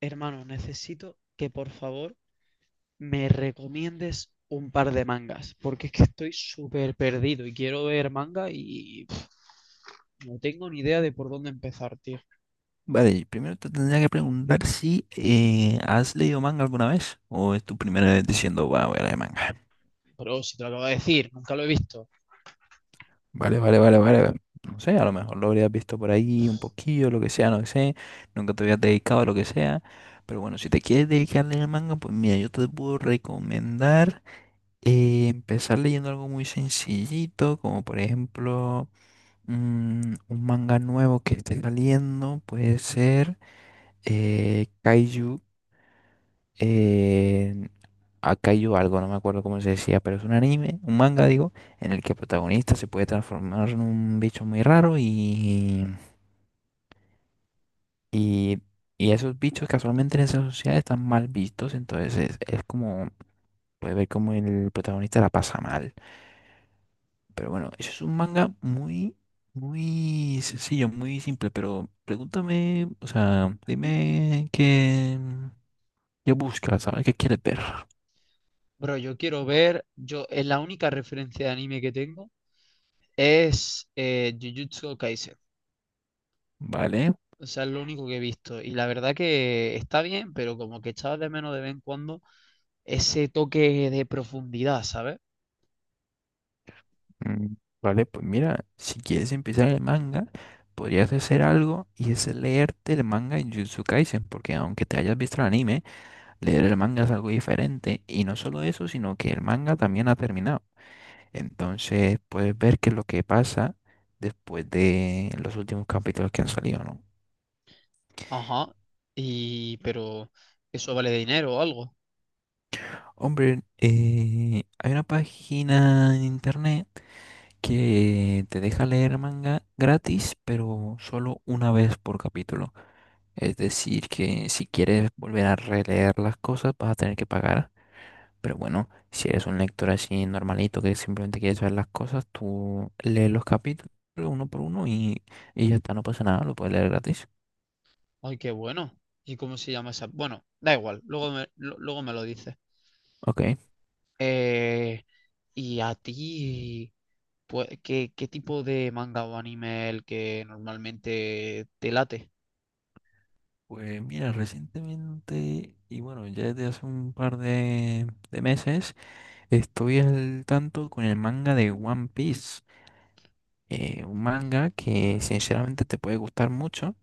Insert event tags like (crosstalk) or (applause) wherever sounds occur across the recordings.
Hermano, necesito que por favor me recomiendes un par de mangas, porque es que estoy súper perdido y quiero ver manga y pff, no tengo ni idea de por dónde empezar, tío. Vale, primero te tendría que preguntar si has leído manga alguna vez o es tu primera vez diciendo, va, voy a leer manga. Pero si te lo acabo de decir, nunca lo he visto. Vale, vale, vale, vale. No sé, a lo mejor lo habrías visto por ahí un poquillo, lo que sea, no sé. Nunca te habías dedicado a lo que sea. Pero bueno, si te quieres dedicar a leer manga, pues mira, yo te puedo recomendar empezar leyendo algo muy sencillito, como por ejemplo un manga nuevo que esté saliendo, puede ser Kaiju. eh, Akainu algo, no me acuerdo cómo se decía, pero es un anime, un manga, digo, en el que el protagonista se puede transformar en un bicho muy raro y, y esos bichos casualmente en esa sociedad están mal vistos, entonces es como, puede ver como el protagonista la pasa mal. Pero bueno, eso es un manga muy, muy sencillo, muy simple, pero pregúntame, o sea, qué buscas, ¿sabes? ¿Qué quieres ver? Bro, yo quiero ver, yo es la única referencia de anime que tengo es Jujutsu Kaisen. ¿Vale? O sea, es lo único que he visto. Y la verdad que está bien, pero como que echaba de menos de vez en cuando ese toque de profundidad, ¿sabes? Mm. Vale, pues mira, si quieres empezar el manga, podrías hacer algo y es leerte el manga en Jujutsu Kaisen, porque aunque te hayas visto el anime, leer el manga es algo diferente y no solo eso, sino que el manga también ha terminado. Entonces puedes ver qué es lo que pasa después de los últimos capítulos que han salido, ¿no? Ajá. Y, pero, ¿eso vale dinero o algo? Hombre, hay una página en internet que te deja leer manga gratis, pero solo una vez por capítulo. Es decir, que si quieres volver a releer las cosas, vas a tener que pagar. Pero bueno, si eres un lector así normalito que simplemente quieres ver las cosas, tú lees los capítulos uno por uno y ya está, no pasa nada, lo puedes leer gratis. Ay, qué bueno. ¿Y cómo se llama esa? Bueno, da igual, luego me lo dices. Ok. Eh, ¿Y a ti, pues, qué tipo de manga o anime el que normalmente te late? Pues mira, recientemente, y bueno, ya desde hace un par de meses, estoy al tanto con el manga de One Piece. Un manga que sinceramente te puede gustar mucho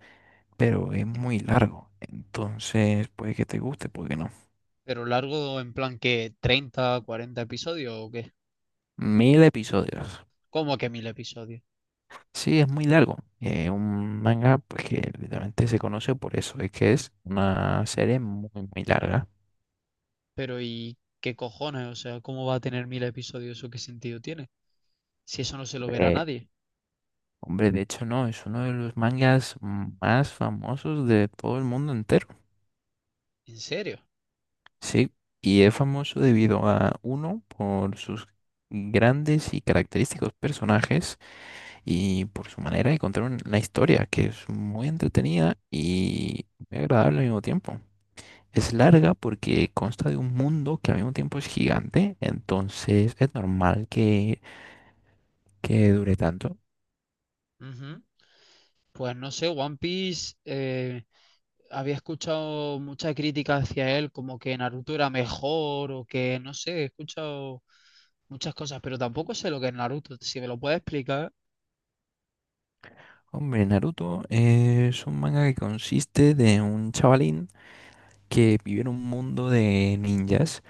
pero es muy largo. Entonces, puede que te guste, puede que no. ¿Pero largo en plan que treinta cuarenta episodios o qué? 1000 episodios. ¿Cómo que mil episodios? Sí, es muy largo. Un manga, pues que literalmente se conoce por eso, es que es una serie muy, muy larga. Pero ¿y qué cojones? O sea, ¿cómo va a tener mil episodios? ¿Eso qué sentido tiene? Si eso no se lo verá Eh, nadie. hombre, de hecho, no, es uno de los mangas más famosos de todo el mundo entero. ¿En serio? Sí, y es famoso debido a uno por sus grandes y característicos personajes y por su manera de la historia, que es muy entretenida y muy agradable al mismo tiempo. Es larga porque consta de un mundo que al mismo tiempo es gigante, entonces es normal que dure tanto. Ujú. Pues no sé, One Piece había escuchado mucha crítica hacia él, como que Naruto era mejor o que no sé, he escuchado muchas cosas, pero tampoco sé lo que es Naruto, si me lo puedes explicar. Hombre, Naruto es un manga que consiste de un chavalín que vive en un mundo de ninjas.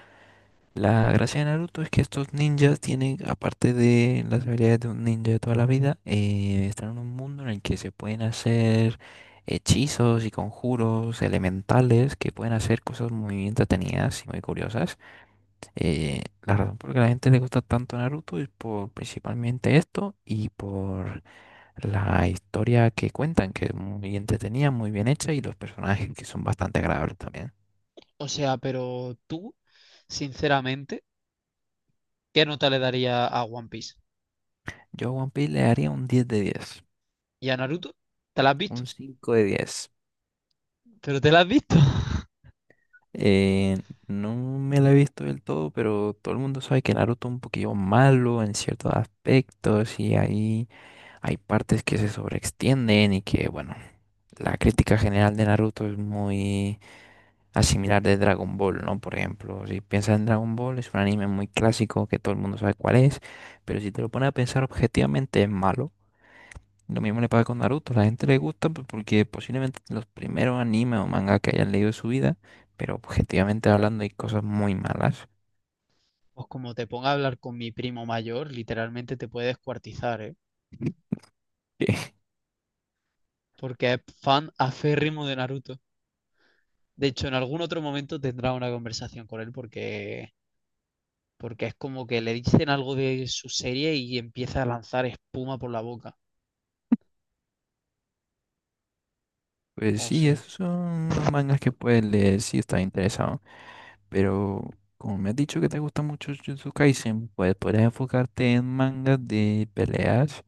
La gracia de Naruto es que estos ninjas tienen, aparte de las habilidades de un ninja de toda la vida, están en un mundo en el que se pueden hacer hechizos y conjuros elementales que pueden hacer cosas muy entretenidas y muy curiosas. La razón por la que a la gente le gusta tanto Naruto es por principalmente esto y por la historia que cuentan, que es muy entretenida, muy bien hecha y los personajes que son bastante agradables también. O sea, pero tú, sinceramente, ¿qué nota le daría a One Piece? Yo a One Piece le daría un 10 de 10, ¿Y a Naruto? ¿Te la has un visto? 5 de 10. ¿Pero te la has visto? (laughs) Eh, no me la he visto del todo, pero todo el mundo sabe que Naruto es un poquillo malo en ciertos aspectos y ahí hay partes que se sobreextienden y que, bueno, la crítica general de Naruto es muy asimilar de Dragon Ball, ¿no? Por ejemplo, si piensas en Dragon Ball, es un anime muy clásico que todo el mundo sabe cuál es, pero si te lo pones a pensar objetivamente es malo. Lo mismo le pasa con Naruto. La gente le gusta pues, porque posiblemente los primeros animes o mangas que hayan leído en su vida, pero objetivamente hablando hay cosas muy malas. Pues como te ponga a hablar con mi primo mayor, literalmente te puede descuartizar, ¿eh? (laughs) que, Porque es fan aférrimo de Naruto. De hecho, en algún otro momento tendrá una conversación con él porque es como que le dicen algo de su serie y empieza a lanzar espuma por la boca. Pues O sí, sea. esos son los mangas que puedes leer si estás interesado. Pero como me has dicho que te gusta mucho Jujutsu Kaisen, pues podrías enfocarte en mangas de peleas,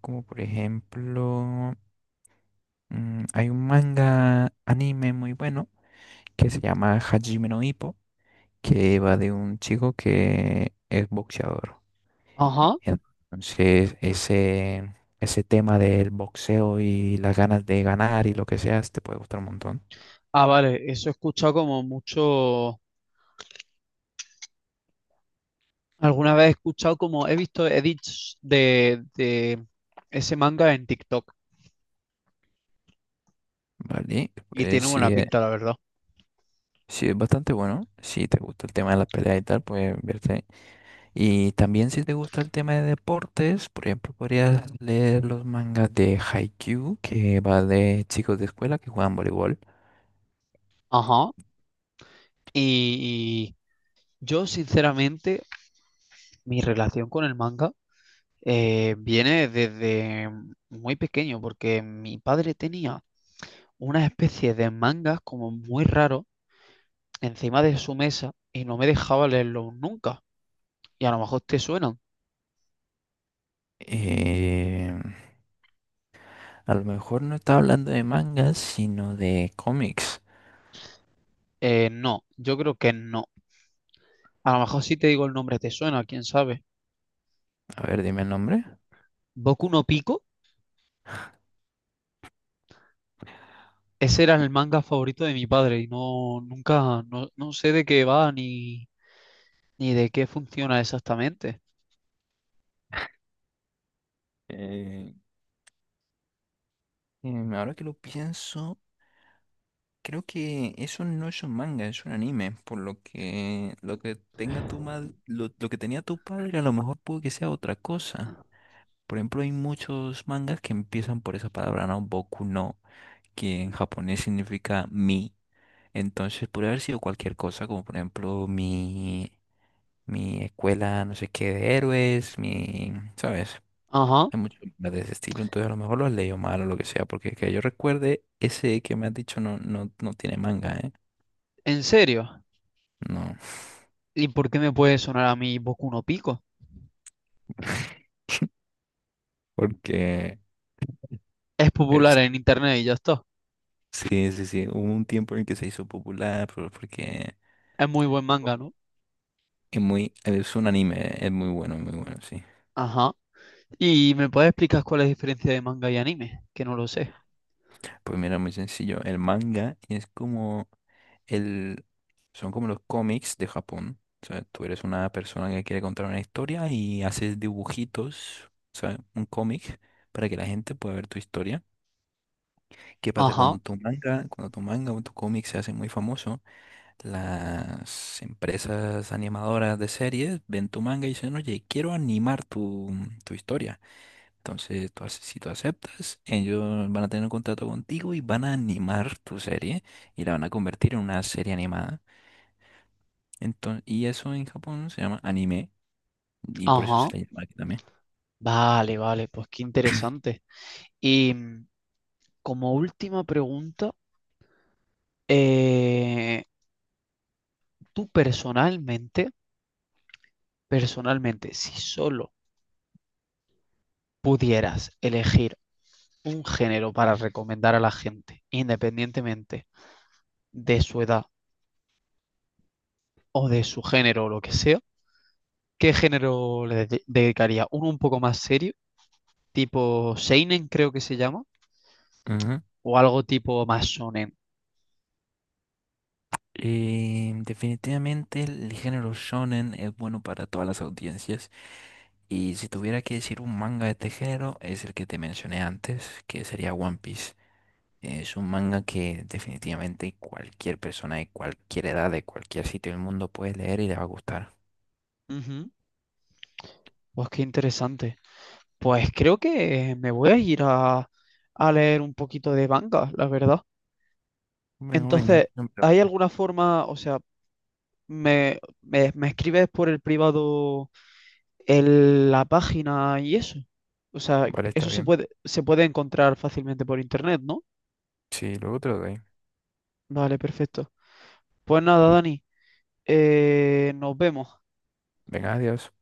como por ejemplo, hay un manga anime muy bueno que se llama Hajime no Ippo que va de un chico que es boxeador. Ajá. Entonces, ese tema del boxeo y las ganas de ganar y lo que sea, te puede gustar un montón. Ah, vale. Eso he escuchado como mucho. Alguna vez he escuchado como he visto edits de ese manga en TikTok Vale, y pues tiene buena pinta, la verdad. sí es bastante bueno. Si te gusta el tema de la pelea y tal, pues verte. Y también si te gusta el tema de deportes, por ejemplo, podrías leer los mangas de Haikyuu, que va de chicos de escuela que juegan voleibol. Ajá. Y yo, sinceramente, mi relación con el manga viene desde muy pequeño, porque mi padre tenía una especie de mangas como muy raro encima de su mesa y no me dejaba leerlos nunca. Y a lo mejor te suenan. Eh, A lo mejor no estaba hablando de mangas, sino de cómics. No, yo creo que no. A lo mejor si te digo el nombre te suena, quién sabe. A ver, dime el nombre. Boku no Pico, ese era el manga favorito de mi padre y no, nunca, no, no sé de qué va ni de qué funciona exactamente. Eh, ahora que lo pienso, creo que eso no es un manga, es un anime. Por lo que tenga tu madre, lo que tenía tu padre, a lo mejor puede que sea otra cosa. Por ejemplo, hay muchos mangas que empiezan por esa palabra, ¿no? Boku no, que en japonés significa mi. Entonces puede haber sido cualquier cosa, como por ejemplo mi escuela no sé qué de héroes, mi, ¿sabes? Ajá, Hay muchos libros de ese estilo, entonces a lo mejor lo has leído mal o lo que sea, porque que yo recuerde, ese que me has dicho no, no, no tiene manga, ¿eh? en serio. No. ¿Y por qué me puede sonar a mí Boku no Pico? (laughs) porque Es popular es- en internet y ya está. sí, sí, sí, hubo un tiempo en el que se hizo popular, pero porque Es muy buen manga, ¿no? Es un anime, es muy bueno, muy bueno, sí. Ajá. ¿Y me puedes explicar cuál es la diferencia de manga y anime? Que no lo sé. Pues mira, muy sencillo. El manga es como el... Son como los cómics de Japón. O sea, tú eres una persona que quiere contar una historia y haces dibujitos, o sea, un cómic para que la gente pueda ver tu historia. ¿Qué pasa Ajá, cuando tu manga o tu cómic se hace muy famoso? Las empresas animadoras de series ven tu manga y dicen, oye, tu historia. Entonces, si tú aceptas, ellos van a tener un contrato contigo y van a animar tu serie y la van a convertir en una serie animada. Entonces, y eso en Japón se llama anime y por eso ajá. se le llama aquí también. Vale, vale, pues qué interesante. Y como última pregunta, eh, tú personalmente, personalmente, si solo pudieras elegir un género para recomendar a la gente, independientemente de su edad o de su género o lo que sea, ¿qué género dedicaría? Uno un poco más serio, tipo Seinen creo que se llama, Ujú. o algo tipo más shonen. Definitivamente el género shonen es bueno para todas las audiencias. Y si tuviera que decir un manga de este género, es el que te mencioné antes, que sería One Piece. Es un manga que definitivamente cualquier persona de cualquier edad, de cualquier sitio del mundo puede leer y le va a gustar. Ujú. Pues qué interesante. Pues creo que me voy a ir a leer un poquito de manga, la verdad. Bueno, venga, Entonces, no, pero- ¿hay alguna forma, o sea, me escribes por el privado la página y eso? O sea, Vale, está bien. Se puede encontrar fácilmente por internet, ¿no? Sí, luego te lo doy. Vale, perfecto. Pues nada, Dani, nos vemos. Venga, adiós.